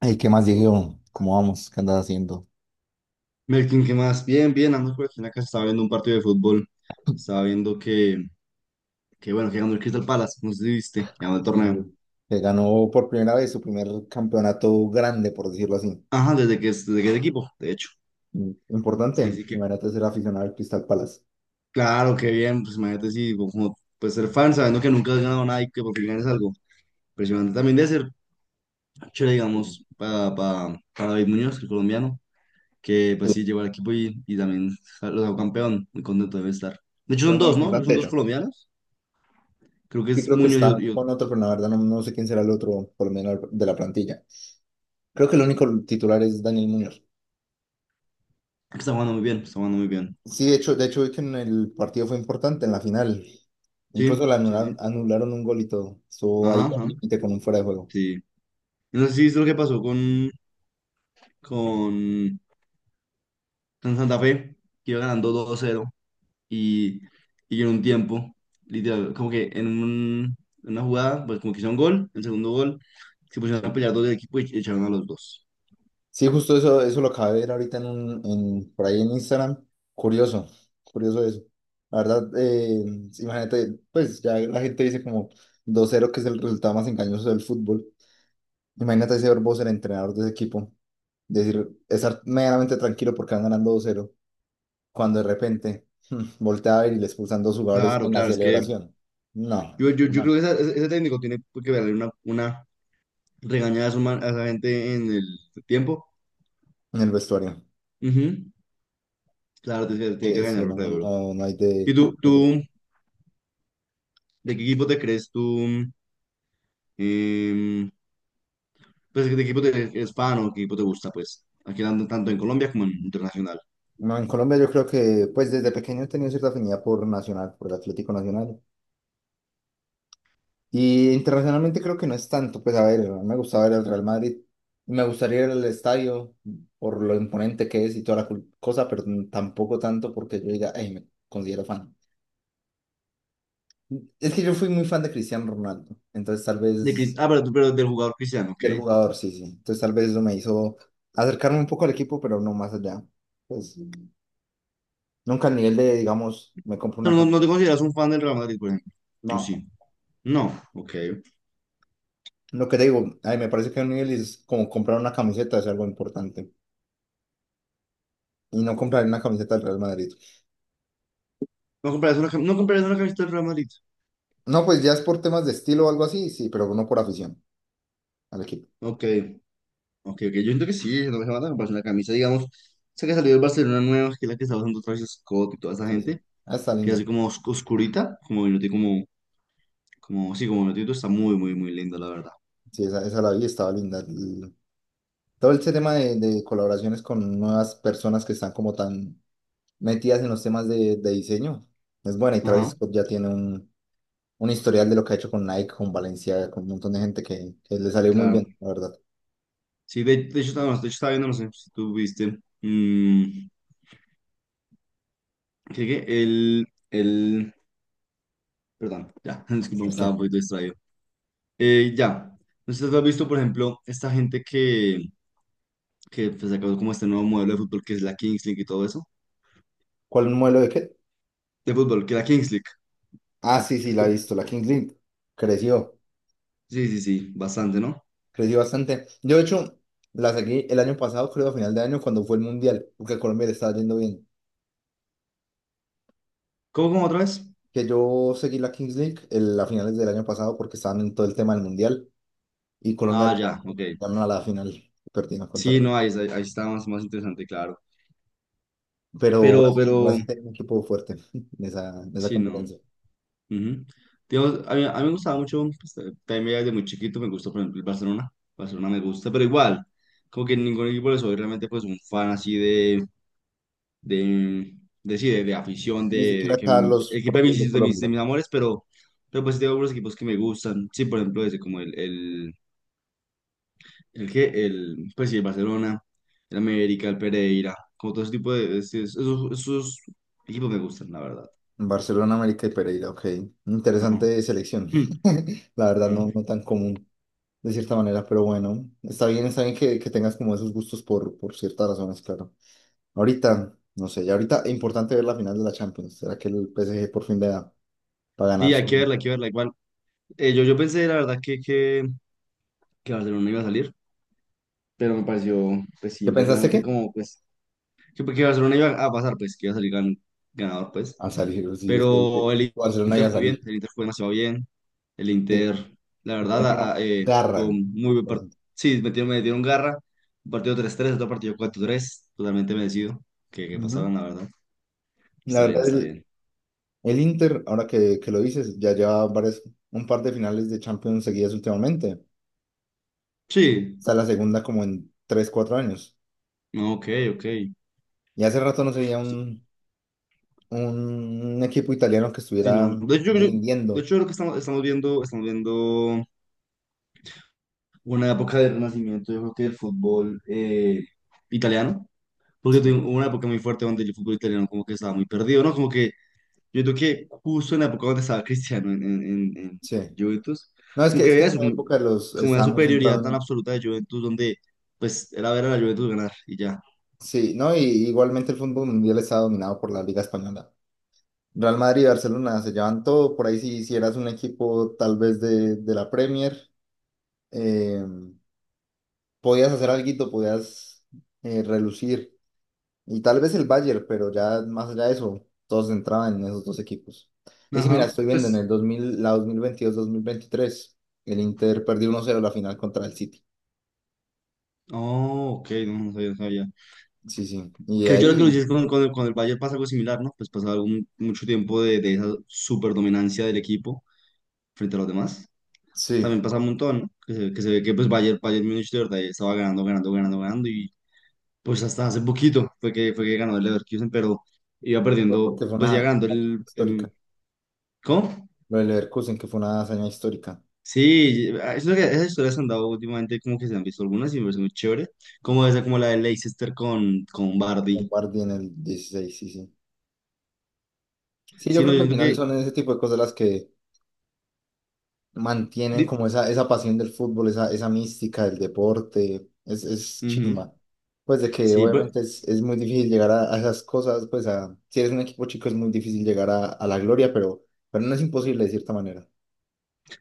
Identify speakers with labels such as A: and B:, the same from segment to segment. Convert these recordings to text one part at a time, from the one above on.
A: Ay, ¿qué más, Diego? ¿Cómo vamos? ¿Qué andas haciendo?
B: Melkin, ¿qué más? Bien, bien, ando por aquí en la casa, estaba viendo un partido de fútbol, estaba viendo que bueno, que ganó el Crystal Palace, no sé si viste, que ganó el
A: Sí,
B: torneo.
A: güey. Se ganó por primera vez su primer campeonato grande, por decirlo así.
B: Ajá, desde que es equipo, de hecho. Sí, sí
A: Importante.
B: que,
A: Imagínate ser aficionado al Crystal Palace.
B: claro, qué bien, pues imagínate si, como, pues ser fan, sabiendo que nunca has ganado nada y que por fin ganes algo. Impresionante también de ser chévere,
A: Sí,
B: digamos, para David Muñoz, el colombiano, que pues sí,
A: Sí,
B: llegó al equipo y también lo sacó campeón, muy contento debe estar. De hecho
A: fue
B: son
A: muy
B: dos, ¿no? Creo que
A: importante,
B: son
A: de
B: dos
A: hecho.
B: colombianos, creo que
A: Y
B: es
A: creo que
B: Muñoz y,
A: está
B: otro, y
A: con
B: otro,
A: otro, pero la verdad no sé quién será el otro, por lo menos de la plantilla. Creo que el único titular es Daniel Muñoz.
B: que está jugando muy bien, está jugando muy bien.
A: Sí, de hecho vi que en el partido fue importante, en la final.
B: Sí,
A: Incluso le
B: sí,
A: anularon,
B: sí.
A: anularon un gol y todo. Estuvo ahí
B: Ajá, ajá,
A: al límite con un fuera de juego.
B: sí. No sé si es lo que pasó con, con, con Santa Fe, que iba ganando 2 cero y, y en un tiempo, literal, como que en una jugada, pues como que hicieron gol, el segundo gol, se pusieron a
A: Sí.
B: pelear dos del equipo y echaron a los dos.
A: Sí, justo eso, lo acabé de ver ahorita en por ahí en Instagram. Curioso, curioso eso. La verdad, imagínate, pues ya la gente dice como 2-0, que es el resultado más engañoso del fútbol. Imagínate ese Bos, el entrenador de ese equipo, decir, estar medianamente tranquilo porque van ganando 2-0 cuando de repente voltea a ver y le expulsan dos jugadores
B: Claro,
A: en la
B: claro, es que
A: celebración. No,
B: yo
A: no,
B: creo que ese técnico tiene que darle una regañada a esa gente en el tiempo.
A: en el vestuario.
B: Ujú, claro, tiene que,
A: Que
B: tiene que
A: es que
B: regañarlo,
A: no,
B: claro, bro.
A: no, no hay
B: ¿Y
A: de...
B: tú, de qué equipo te crees tú? Em, pues, ¿de qué equipo eres fan o qué equipo te gusta? Pues, aquí tanto en Colombia como en internacional.
A: No, en Colombia yo creo que pues desde pequeño he tenido cierta afinidad por Nacional, por el Atlético Nacional. Y internacionalmente creo que no es tanto, pues a ver, me gustaba ver el Real Madrid, me gustaría ir al estadio por lo imponente que es y toda la cul- cosa, pero n- tampoco tanto porque yo diga: "Ey, me considero fan". Es que yo fui muy fan de Cristiano Ronaldo, entonces tal
B: De Cris-
A: vez
B: ah, pero, tú- pero del jugador Cristiano, ok.
A: del jugador, sí, sí. Entonces tal vez eso me hizo acercarme un poco al equipo, pero no más allá. Pues nunca al nivel de, digamos, me compro
B: Pero
A: una
B: no, no te
A: camiseta.
B: consideras un fan del Real Madrid, por ejemplo. ¿O
A: No.
B: sí? No, ok.
A: Lo que te digo, ay, me parece que un nivel es como comprar una camiseta, es algo importante. Y no comprar una camiseta del Real Madrid.
B: No comprarías una camiseta del Real Madrid.
A: No, pues ya es por temas de estilo o algo así, sí, pero no por afición al equipo.
B: Ok, ok, ok. Yo siento que sí, no me van a comprar una camisa, digamos. Sé que salió el Barcelona nueva, que es la que está usando Travis Scott y toda esa
A: Sí,
B: gente,
A: sí. Ah, está
B: que es así
A: linda.
B: como oscurita, como sí, como minutito, está muy, muy, muy linda, la verdad.
A: Sí, esa, la vi, estaba linda. El- todo este tema de, colaboraciones con nuevas personas que están como tan metidas en los temas de, diseño es buena. Y Travis
B: Ajá.
A: Scott ya tiene un historial de lo que ha hecho con Nike, con Valencia, con un montón de gente que le salió muy
B: Claro.
A: bien, la verdad.
B: Sí, de hecho, no, de hecho, estaba viendo, no sé si tú viste. ¿Qué? El, el. Perdón, ya, disculpa, me
A: Ok.
B: estaba un poquito distraído. Ya, no sé si tú has visto, por ejemplo, esta gente que, pues, sacó como este nuevo modelo de fútbol que es la Kings League y todo eso.
A: ¿Cuál modelo de qué?
B: De fútbol, que la Kings League.
A: Ah, sí,
B: que
A: sí,
B: es
A: la he
B: como-
A: visto, la Kings League. Creció,
B: Sí, sí, sí, bastante, ¿no?
A: bastante. Yo, de hecho, la seguí el año pasado, creo, a final de año, cuando fue el Mundial, porque a Colombia le estaba yendo bien.
B: ¿Cómo otra vez?
A: Que yo seguí la Kings League el- a finales del año pasado porque estaban en todo el tema del Mundial y Colombia le
B: Ah,
A: estaba
B: ya, ok.
A: ganando a la final, perdieron contra.
B: Sí, no, ahí está más interesante, claro.
A: Pero
B: Pero,
A: Brasil,
B: pero,
A: Tiene un equipo fuerte en esa
B: sí, no.
A: competencia.
B: Ujú. Digamos, a mí me gustaba mucho, pues, también desde muy chiquito me gustó, por ejemplo, el Barcelona. Barcelona me gusta, pero igual, como que en ningún equipo le soy realmente pues un fan así de, de, sí, de afición,
A: Ni siquiera
B: de
A: acá
B: el
A: los
B: equipo de mis,
A: propios de
B: de mis, de
A: Colombia.
B: mis amores, pero pues tengo algunos equipos que me gustan. Sí, por ejemplo, ese como el, que- el, pues sí, el Barcelona, el América, el Pereira, como todo ese tipo de, esos equipos me gustan, la verdad.
A: Barcelona, América y Pereira, ok.
B: Ajá.
A: Interesante selección. La verdad,
B: Ajá.
A: no, no tan común. De cierta manera, pero bueno, está bien que tengas como esos gustos por, ciertas razones, claro. Ahorita, no sé, ya ahorita es importante ver la final de la Champions. ¿Será que el PSG por fin le da para ganar
B: Sí, hay que
A: su...?
B: verla, hay que verla. Igual, yo pensé, la verdad, que Barcelona iba a salir, pero me pareció, pues sí,
A: ¿Qué pensaste
B: impresionante
A: que?
B: como, pues, que Barcelona iba a pasar, pues, que iba a salir ganador, pues.
A: A salir, sí, es que dice,
B: Pero el
A: Barcelona iba
B: Inter
A: a
B: muy bien,
A: salir.
B: el Inter fue demasiado bien. El
A: Sí,
B: Inter, la
A: le
B: verdad,
A: metieron garra.
B: tuvo un muy buen partido. Sí, metieron garra. Un partido 3-3 otro partido 4-3 totalmente merecido que
A: Ujú.
B: pasaron, la verdad.
A: La
B: Está bien,
A: verdad,
B: está
A: el,
B: bien.
A: el Inter, ahora que lo dices, ya lleva varias, un par de finales de Champions seguidas últimamente.
B: Sí,
A: Está la segunda como en 3-4 años.
B: no, ok, ok.
A: Y hace rato no se veía
B: Sí,
A: un equipo italiano que estuviera
B: no. De hecho,
A: rindiendo.
B: yo creo que estamos viendo. Una época de renacimiento, yo creo que del fútbol italiano, porque tuve
A: Sí,
B: una época muy fuerte donde el fútbol italiano como que estaba muy perdido, ¿no? Como que yo creo que justo en la época donde estaba Cristiano en
A: sí.
B: Juventus,
A: No, es
B: como
A: que,
B: que había
A: en
B: eso,
A: esa
B: como,
A: época los
B: como una
A: estábamos
B: superioridad
A: centrados
B: tan
A: en...
B: absoluta de Juventus donde pues era ver a la Juventus ganar y ya.
A: Sí, ¿no? Y igualmente el fútbol mundial está dominado por la Liga Española. Real Madrid y Barcelona se llevan todo. Por ahí si hicieras un equipo tal vez de, la Premier, eh, podías hacer alguito, podías relucir. Y tal vez el Bayern, pero ya más allá de eso, todos entraban en esos dos equipos. Y sí mira,
B: Ajá,
A: estoy viendo en
B: pues.
A: el 2022-2023 el Inter perdió 1-0 la final contra el City.
B: Oh, ok, no, no sabía, no sabía.
A: Sí, sí. Y de
B: Que yo creo que lo
A: ahí,
B: hiciste con el Bayern pasa algo similar, ¿no? Pues pasaba mucho tiempo de esa superdominancia del equipo frente a los demás.
A: sí,
B: También pasa un montón, ¿no? Que se ve que pues Bayern Múnich de verdad estaba ganando, ganando, ganando, ganando y pues hasta hace poquito fue que ganó el Leverkusen, pero iba
A: fue
B: perdiendo,
A: porque fue
B: pues
A: una
B: ya ganando
A: hazaña
B: el.
A: histórica.
B: ¿Cómo?
A: Lo del Leverkusen, que fue una hazaña histórica.
B: Sí, ah, eso esas historias han dado últimamente como que se han visto algunas y me parece muy chévere, como esa, como la de Leicester con,
A: Con
B: Bardi.
A: Bardi en el dieciséis, sí, sí. Sí, yo
B: Sí, no,
A: creo
B: yo
A: que al
B: siento
A: final
B: que.
A: son ese tipo de cosas las que mantienen
B: di-
A: como esa, pasión del fútbol, esa, mística del deporte, es,
B: Ujú.
A: chimba. Pues de que
B: Sí,
A: obviamente es, muy difícil llegar a, esas cosas, pues a, si eres un equipo chico es muy difícil llegar a, la gloria, pero no es imposible de cierta manera.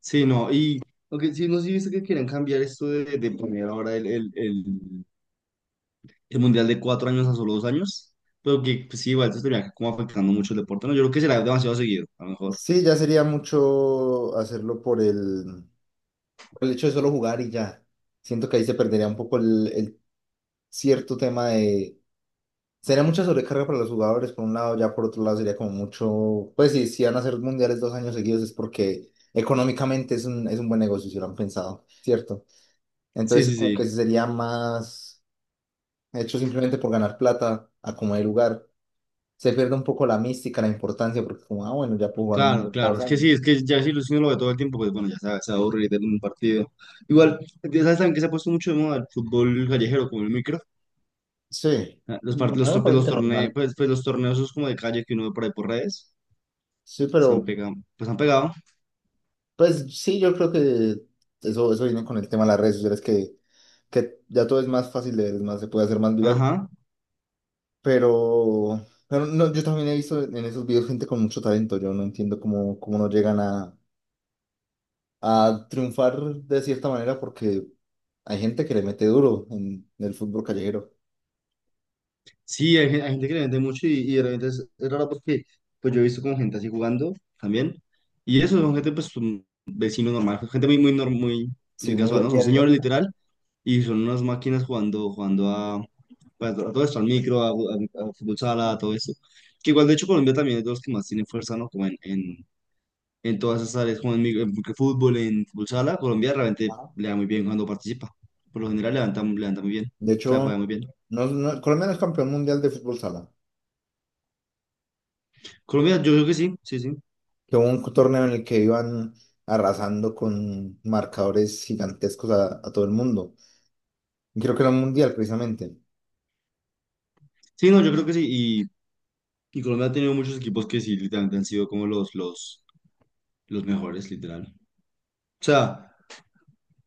B: sí, no, y. Ok, sí, no sé si viste que querían cambiar esto de, poner ahora el mundial de 4 años a solo 2 años, pero que pues, sí, igual esto estaría como afectando mucho el deporte, ¿no? Yo creo que será demasiado seguido, a lo mejor.
A: Sí, ya sería mucho hacerlo por el hecho de solo jugar y ya. Siento que ahí se perdería un poco el, cierto tema de. Sería mucha sobrecarga para los jugadores, por un lado, ya por otro lado sería como mucho, pues sí, si van a hacer mundiales 2 años seguidos es porque económicamente es un buen negocio, si lo han pensado, ¿cierto?
B: Sí,
A: Entonces
B: sí,
A: como que
B: sí.
A: sí sería más hecho simplemente por ganar plata a como de lugar. Se pierde un poco la mística, la importancia, porque como, ah, bueno, ya puedo jugar un
B: Claro,
A: mundial cada
B: claro.
A: dos
B: Es que sí,
A: años.
B: es que ya si Luis no lo ve todo el tiempo, pues bueno, ya se va a aburrir en un partido. Igual, ¿sabes también que se ha puesto mucho de moda el fútbol callejero, como el micro?
A: Sí,
B: Ah, Los, part-
A: bueno, a
B: los,
A: mí me
B: pues,
A: parece
B: los
A: que
B: torneos,
A: normal.
B: pues los torneos esos como de calle que uno ve por ahí por redes,
A: Sí,
B: se han
A: pero
B: pegado, pues han pegado.
A: pues sí, yo creo que eso, viene con el tema de las redes sociales, que ya todo es más fácil de ver, es más, se puede hacer más viral.
B: Ajá.
A: Pero no, yo también he visto en esos videos gente con mucho talento. Yo no entiendo cómo, cómo no llegan a, triunfar de cierta manera porque hay gente que le mete duro en el fútbol callejero.
B: Sí, hay gente que le vende mucho y de repente es raro porque pues yo he visto como gente así jugando también. Y eso son gente pues un vecino normal, gente muy, muy, muy,
A: Sí,
B: muy
A: muy
B: casual,
A: del
B: ¿no?
A: día
B: Son
A: a día.
B: señores literal y son unas máquinas jugando a, pues, a todo esto, al micro, a fútbol sala, a todo eso. Que igual de hecho Colombia también es de los que más tienen fuerza, ¿no? Como en todas esas áreas, como en fútbol, en fútbol sala, Colombia realmente
A: Ajá.
B: le da muy bien cuando participa. Por lo general levanta muy bien,
A: De
B: o sea, juega
A: hecho,
B: muy bien.
A: Colombia no es campeón mundial de fútbol sala.
B: Colombia, yo creo que sí, sí, sí.
A: Que hubo un torneo en el que iban arrasando con marcadores gigantescos a, todo el mundo. Y creo que era un mundial precisamente.
B: Sí, no, yo creo que sí. Y, y Colombia ha tenido muchos equipos que sí, literalmente han sido como los mejores, literal. O sea,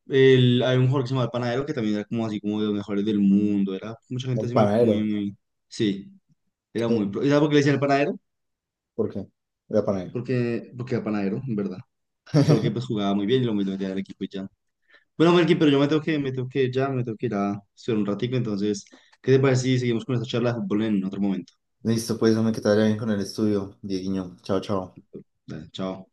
B: hay un jugador que se llama El Panadero que también era como así como de los mejores del mundo. Era mucha gente
A: El
B: así muy,
A: panadero.
B: muy, muy. Sí, era muy.
A: ¿Qué?
B: ¿Y sabes por qué le decían El Panadero?
A: ¿Por qué? Era panadero.
B: Porque era panadero, en verdad. Solo que pues jugaba muy bien y lo metía al equipo y ya. Bueno, Melqui, pero yo me tengo que ir ya, me tengo que ir a estudiar un ratico. Entonces, ¿qué te parece si seguimos con esta charla de fútbol en otro momento?
A: Listo, pues, hombre, que te bien con el estudio, Dieguiño. Chao, chao.
B: Dale, chao.